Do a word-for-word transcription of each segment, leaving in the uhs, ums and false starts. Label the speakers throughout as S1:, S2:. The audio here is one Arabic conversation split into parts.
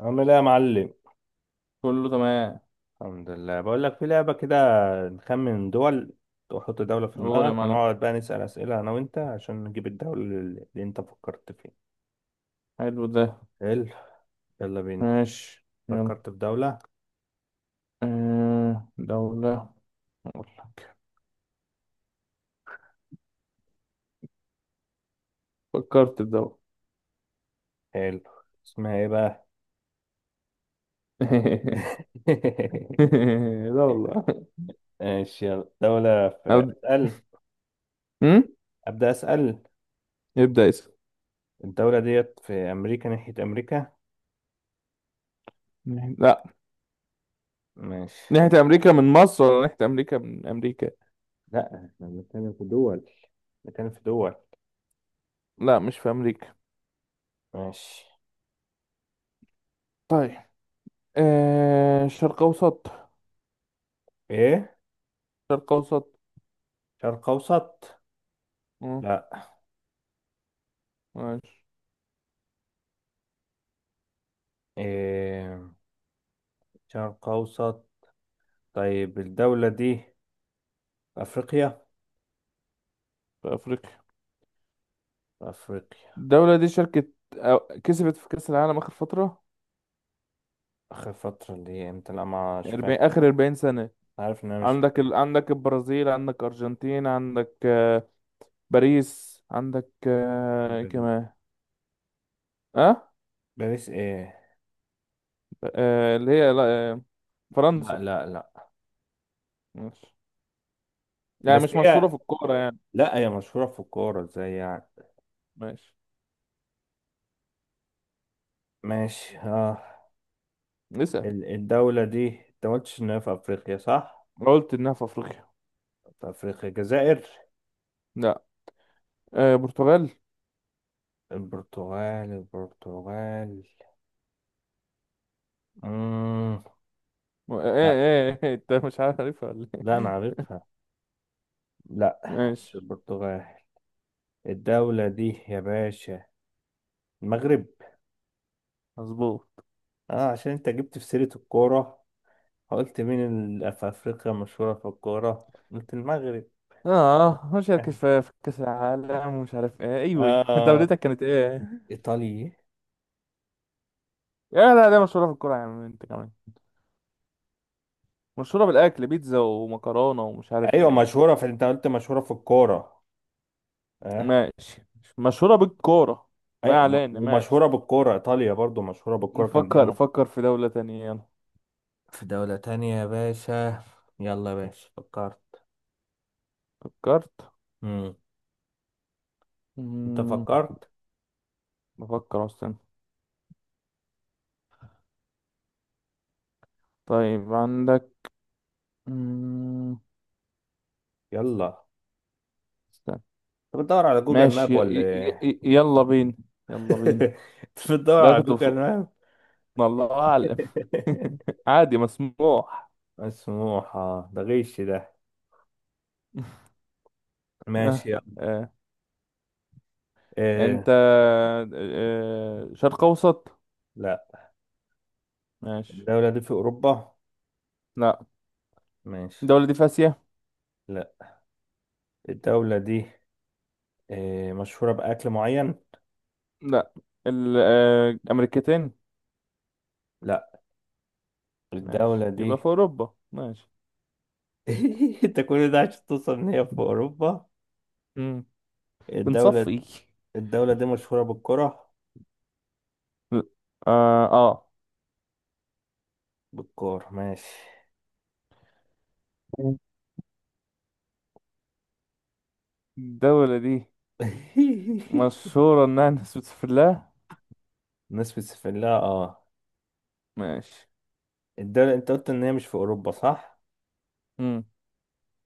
S1: عامل ايه يا معلم؟
S2: كله تمام.
S1: الحمد لله، بقول لك في لعبة كده، نخمن دول. وحط دولة في
S2: قول يا
S1: دماغك
S2: معلم.
S1: ونقعد بقى نسأل أسئلة أنا وأنت عشان نجيب الدولة اللي اللي أنت فكرت فيها.
S2: حلو ده.
S1: حلو، يلا بينا.
S2: ماشي، يلا.
S1: فكرت في دولة؟
S2: آه، دولة. فكرت في دولة.
S1: حلو، اسمها إيه بقى؟
S2: دولة.
S1: ماشي يلا، دولة في،
S2: أب...
S1: أسأل.
S2: م?
S1: أبدأ أسأل.
S2: ابدأ اسم.
S1: الدولة ديت في أمريكا، ناحية أمريكا؟
S2: لا.
S1: ماشي،
S2: ناحية أمريكا من مصر ولا ناحية أمريكا من أمريكا؟
S1: لا احنا بنتكلم في دول، بنتكلم في دول.
S2: لا، مش في أمريكا.
S1: ماشي.
S2: طيب، آه، شرق أوسط.
S1: إيه؟
S2: شرق أوسط.
S1: شرق أوسط؟
S2: آه،
S1: لا.
S2: ماشي.
S1: إيه؟ شرق أوسط؟ طيب الدولة دي في أفريقيا؟
S2: في أفريقيا.
S1: في أفريقيا.
S2: الدولة دي شركة أو- كسبت في كأس العالم آخر فترة.
S1: آخر فترة اللي هي إمتى؟ لا مش
S2: أربعين،
S1: فاكر،
S2: آخر أربعين سنة.
S1: عارف إن أنا مش
S2: عندك
S1: متابع.
S2: ال... عندك البرازيل، عندك ارجنتين، عندك آه، باريس، عندك
S1: إيه
S2: آه، إيه
S1: باريس؟
S2: كمان. اه.
S1: باريس إيه؟
S2: آه، اللي هي لا. آه،
S1: لا
S2: فرنسا.
S1: لا لا،
S2: ماشي. يعني
S1: بس
S2: مش مشهورة
S1: هي،
S2: في الكورة يعني.
S1: لا هي مشهورة في الكورة إزاي يعني؟
S2: ماشي،
S1: ماشي آه.
S2: اسأل.
S1: ال- الدولة دي أنت ما قلتش إن هي في أفريقيا صح؟
S2: قلت انها في افريقيا.
S1: في أفريقيا، الجزائر؟
S2: لا. آه، برتغال.
S1: البرتغال؟ البرتغال؟ مم.
S2: ايه
S1: لا،
S2: ايه إيه، انت مش عارفها ولا
S1: لا
S2: ايه؟
S1: أنا عارفها. لا
S2: ماشي.
S1: مش البرتغال. الدولة دي يا باشا المغرب.
S2: مظبوط.
S1: اه عشان انت جبت في سيرة الكورة، قلت مين اللي في افريقيا مشهورة في الكورة، قلت المغرب.
S2: اه، مش عارف كيف في كاس العالم ومش عارف ايه. ايوه ايوه
S1: اه،
S2: دولتك كانت ايه؟
S1: ايطالي.
S2: يا لا، ده مشهورة في الكورة يا عم انت كمان. مشهورة بالأكل، بيتزا ومكرونة ومش عارف
S1: ايوه
S2: ايه.
S1: مشهورة في، انت قلت مشهورة في الكورة. اه
S2: ماشي، مشهورة بالكورة.
S1: ايوه،
S2: ما
S1: م-
S2: علينا، ماشي.
S1: ومشهورة بالكورة، ايطاليا برضو مشهورة بالكورة كان
S2: نفكر،
S1: دايما.
S2: فكر في دولة تانية يلا.
S1: في دولة تانية يا باشا. يلا يا باشا، فكرت؟
S2: فكرت.
S1: مم. انت
S2: مم،
S1: فكرت؟
S2: بفكر أصلا. طيب، عندك مم،
S1: يلا.
S2: استنى.
S1: انت بتدور على جوجل ماب
S2: ماشي. ي...
S1: ولا
S2: ي...
S1: ايه؟
S2: ي... يلا بينا. يلا بينا.
S1: انت بتدور
S2: لا،
S1: على
S2: كنت
S1: جوجل
S2: بفكر.
S1: ماب؟
S2: الله أعلم. عادي، مسموح.
S1: مسموحة؟ ده غش ده. ماشي.
S2: آه. آه. انت.
S1: إيه؟
S2: آه. شرق أوسط.
S1: لا.
S2: ماشي.
S1: الدولة دي في أوروبا؟
S2: لا.
S1: ماشي.
S2: الدولة دي في آسيا؟
S1: لا. الدولة دي إيه، مشهورة بأكل معين؟
S2: لا. ال- آه، الامريكتين.
S1: لا. الدولة
S2: ماشي، يبقى
S1: دي.
S2: في اوروبا. ماشي.
S1: انت كل ده عشان توصل ان هي في أوروبا؟
S2: مم.
S1: الدولة،
S2: بنصفي.
S1: الدولة دي مشهورة بالكرة؟
S2: اه اه.
S1: بالكرة، ماشي.
S2: الدولة دي مشهورة انها ناس بتسافر لها.
S1: الناس بتسافر لها، اه.
S2: ماشي.
S1: الدولة انت قلت ان هي مش في أوروبا صح؟
S2: مم.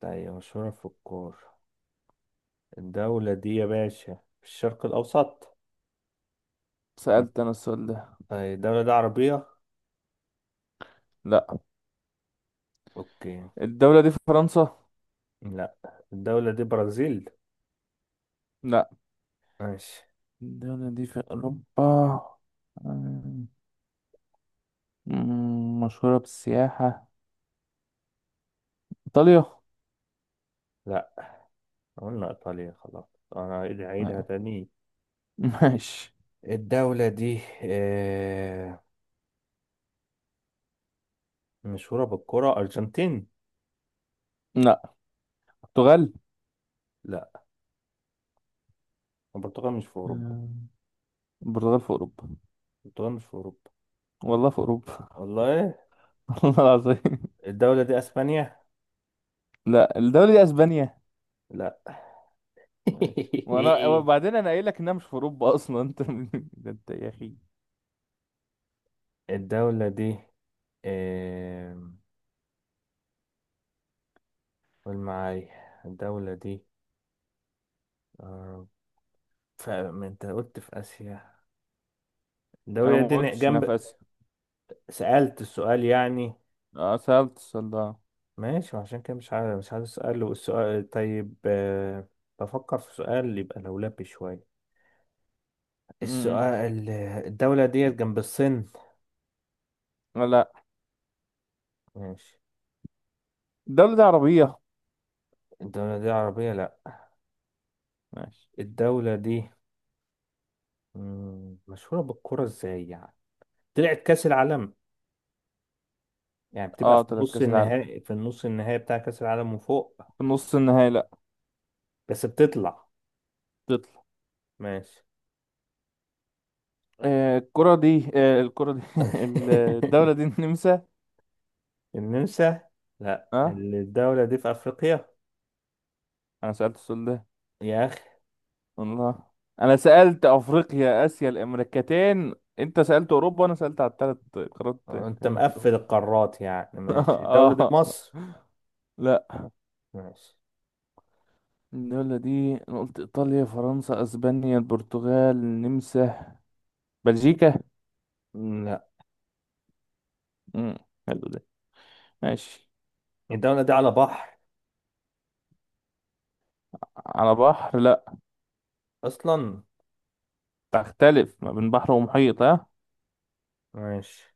S1: طيب مشهورة في الكورة. الدولة دي يا باشا في الشرق الأوسط.
S2: سألت انا السؤال ده.
S1: طيب الدولة دي عربية؟
S2: لا،
S1: اوكي.
S2: الدولة دي في فرنسا.
S1: لا الدولة دي برازيل؟
S2: لا،
S1: ماشي.
S2: الدولة دي في اوروبا. آه، مم، مشهورة بالسياحة. ايطاليا.
S1: لا قلنا إيطاليا خلاص، أنا هعيد- هعيدها
S2: آه،
S1: تاني.
S2: ماشي.
S1: الدولة دي آه، مشهورة بالكرة، أرجنتين؟
S2: لا، البرتغال.
S1: لا، البرتغال مش في أوروبا.
S2: آه، البرتغال في اوروبا.
S1: البرتغال مش في أوروبا.
S2: والله في اوروبا.
S1: والله إيه؟
S2: والله العظيم.
S1: الدولة دي أسبانيا؟
S2: لا، الدولة دي اسبانيا.
S1: لا.
S2: ماشي، وانا وبعدين انا قايل لك انها مش في اوروبا اصلا انت. ده انت يا اخي.
S1: الدولة دي آه، قول معايا، الدولة دي آه، ف- ما أنت قلت في آسيا.
S2: انا
S1: الدولة
S2: ما
S1: دي ن-
S2: قلتش انها
S1: جنب.
S2: في اسيا.
S1: سألت السؤال يعني.
S2: اه، سألت السؤال ده.
S1: ماشي وعشان كده مش عارف، مش عارف السؤال، والسؤال طيب آه، بفكر في سؤال يبقى لولبي شوية.
S2: م- م.
S1: السؤال، الدولة دي جنب الصين؟
S2: آه، لا.
S1: ماشي.
S2: الدولة دي عربية.
S1: الدولة دي عربية؟ لا.
S2: ماشي.
S1: الدولة دي مم، مشهورة بالكرة ازاي يعني؟ طلعت كأس العالم؟ يعني بتبقى
S2: اه،
S1: في
S2: طلعت
S1: نص
S2: كأس العالم
S1: النهائي، في النص النهائي بتاع كأس العالم وفوق؟
S2: في نص النهائي؟ لا،
S1: بس بتطلع؟
S2: تطلع.
S1: ماشي.
S2: آه الكرة دي آه الكرة دي ال- الدولة دي النمسا.
S1: النمسا؟ لا
S2: اه،
S1: الدولة دي في أفريقيا؟
S2: انا سألت السؤال ده.
S1: يا،
S2: الله. انا سألت افريقيا اسيا الامريكتين، انت سألت اوروبا وانا سألت على الثلاث قارات
S1: انت
S2: التانيين دول.
S1: مقفل القارات يعني. ماشي الدولة دي
S2: اه.
S1: مصر؟
S2: لا،
S1: ماشي.
S2: الدولة دي أنا قلت إيطاليا، فرنسا، أسبانيا، البرتغال، النمسا، بلجيكا.
S1: لا.
S2: مم. حلو ده. ماشي.
S1: الدولة دي على بحر
S2: على بحر لأ.
S1: اصلا؟
S2: تختلف ما بين بحر ومحيط ها.
S1: ماشي.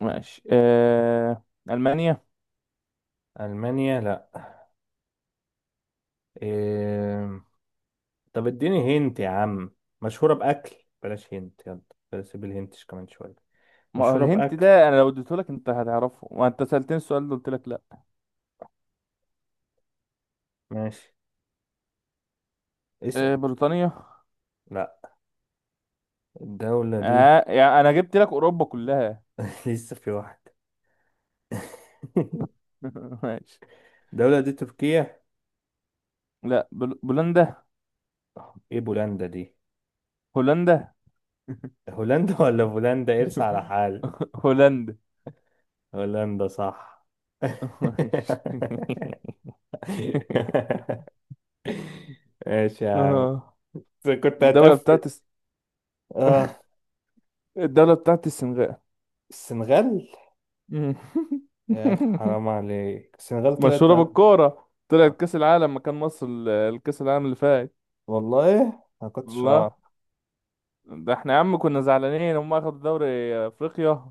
S2: ماشي. آه... ألمانيا.
S1: المانيا؟ لا. إيه... طب اديني هنت يا عم، مشهورة باكل، بلاش هنت، يلا بلاش سيب الهنتش كمان شوية.
S2: ما هو
S1: مشهورة
S2: الهنت
S1: باكل.
S2: ده أنا لو اديتهولك أنت هتعرفه، ما أنت سألتني السؤال ده قلت لك لأ.
S1: ماشي، اسأل.
S2: آه بريطانيا.
S1: لا. الدولة دي،
S2: آه يعني أنا جبت لك أوروبا كلها.
S1: لسه في واحدة.
S2: ماشي.
S1: الدولة دي تركيا؟
S2: لأ، بل... بولندا.
S1: ايه بولندا دي؟
S2: هولندا.
S1: هولندا ولا بولندا؟ ارسى على حال.
S2: هولندا.
S1: هولندا صح.
S2: ماشي.
S1: ماشي يا عم،
S2: آه.
S1: بس كنت
S2: الدولة
S1: هتقفل.
S2: بتاعت الس-
S1: اه،
S2: الدولة بتاعت السنغال.
S1: السنغال.
S2: مم.
S1: يا اخي حرام عليك، السنغال طلعت.
S2: مشهورة بالكورة، طلعت كأس العالم مكان مصر، ال- الكأس العالم اللي فات.
S1: والله ما كنتش اعرف.
S2: الله. ده احنا يا عم كنا زعلانين هم اخدوا دوري افريقيا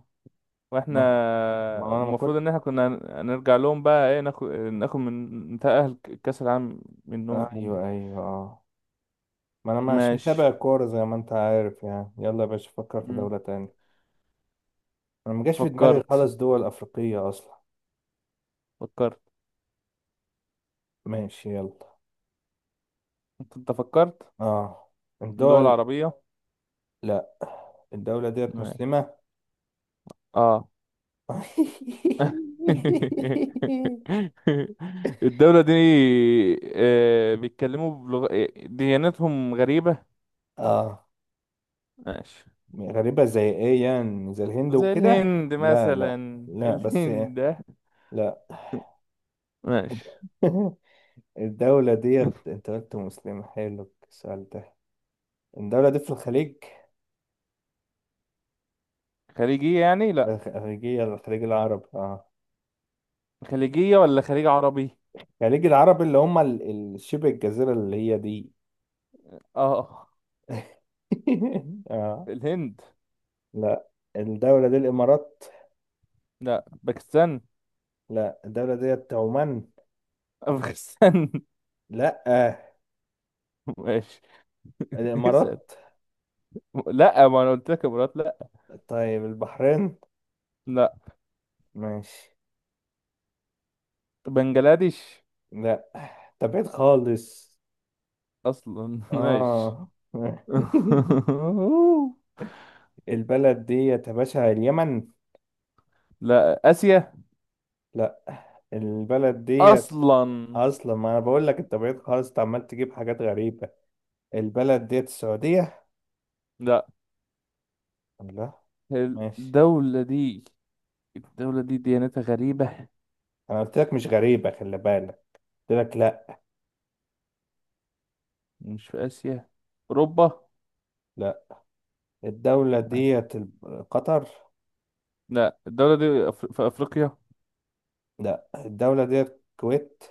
S2: واحنا.
S1: ما ما انا ما
S2: المفروض
S1: كنت
S2: ان احنا كنا هن- هنرجع لهم بقى، ايه، ناخد ناخد من نتأهل ك- كأس العالم منهم هم.
S1: ايوه ايوه اه، ما انا مش متابع
S2: ماشي.
S1: الكوره زي ما انت عارف يعني. يلا يا باشا فكر في
S2: مم.
S1: دولة تانية. انا ما جاش في دماغي
S2: فكرت.
S1: خالص دول افريقية اصلا.
S2: فكرت.
S1: ماشي، يلا،
S2: انت أنت فكرت.
S1: اه.
S2: دول
S1: الدول،
S2: عربية.
S1: لا. الدولة ديت
S2: مم.
S1: مسلمة؟
S2: اه. الدولة دي آه، بيتكلموا بلغة، ديانتهم غريبة.
S1: اه،
S2: ماشي.
S1: غريبة زي ايه يعني؟ زي الهند
S2: زي
S1: وكده؟
S2: الهند
S1: لا لا
S2: مثلا.
S1: لا بس
S2: الهند ده.
S1: لا.
S2: ماشي.
S1: الدولة ديت انت قلت مسلمة، حلو السؤال ده. الدولة دي في الخليج،
S2: خليجية يعني؟ لا،
S1: الخليجية، الخليج العربي، اه
S2: خليجية ولا خليج عربي؟
S1: الخليج العربي اللي هم ال- ال- شبه الجزيرة اللي هي دي.
S2: اه.
S1: اه.
S2: الهند.
S1: لا. الدولة دي الامارات؟
S2: لا، باكستان.
S1: لا الدولة ديت عمان؟
S2: افغانستان.
S1: لا
S2: ماشي. اسأل.
S1: الامارات.
S2: لا، ما انا قلت لك امارات لا.
S1: طيب البحرين؟
S2: لا.
S1: ماشي.
S2: بنجلاديش.
S1: لا ده بعيد خالص.
S2: اصلا. ماشي.
S1: اه البلد ديت يا باشا اليمن؟
S2: لا، اسيا.
S1: لا، البلد ديت
S2: اصلا.
S1: اصلا، ما انا بقول لك انت بعيد خالص، انت عمال تجيب حاجات غريبه. البلد ديت السعوديه؟
S2: لا.
S1: لا. ماشي.
S2: الدولة دي، الدولة دي ديانتها غريبة.
S1: انا قلت لك مش غريبه، خلي بالك قلت لك لا.
S2: مش في اسيا؟ اوروبا.
S1: لا. الدوله ديت ال- قطر؟
S2: لا. الدولة دي أف- في افريقيا.
S1: لا الدوله ديت الكويت؟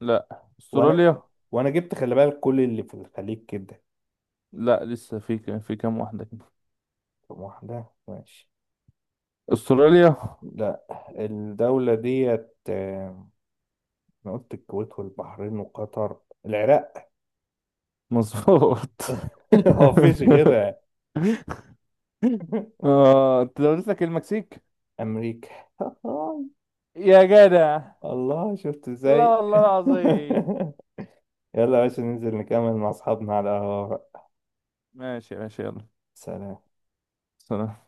S2: لا، استراليا.
S1: وانا وانا جبت، خلي بالك كل اللي في الخليج كده.
S2: لا، لسه في ك- في كام واحدة كده.
S1: طب واحده، ماشي.
S2: استراليا.
S1: لا. الدولة ديت آه، أنا قلت الكويت والبحرين وقطر، العراق؟
S2: مظبوط.
S1: هو مفيش غيرها.
S2: اه، انت دولت لك المكسيك.
S1: أمريكا؟
S2: يا جدع.
S1: الله، شفت
S2: لا،
S1: ازاي؟
S2: والله العظيم.
S1: يلا يا باشا ننزل نكمل مع أصحابنا على القهوة بقى.
S2: ماشي، ماشي، يلا.
S1: سلام.
S2: سلام.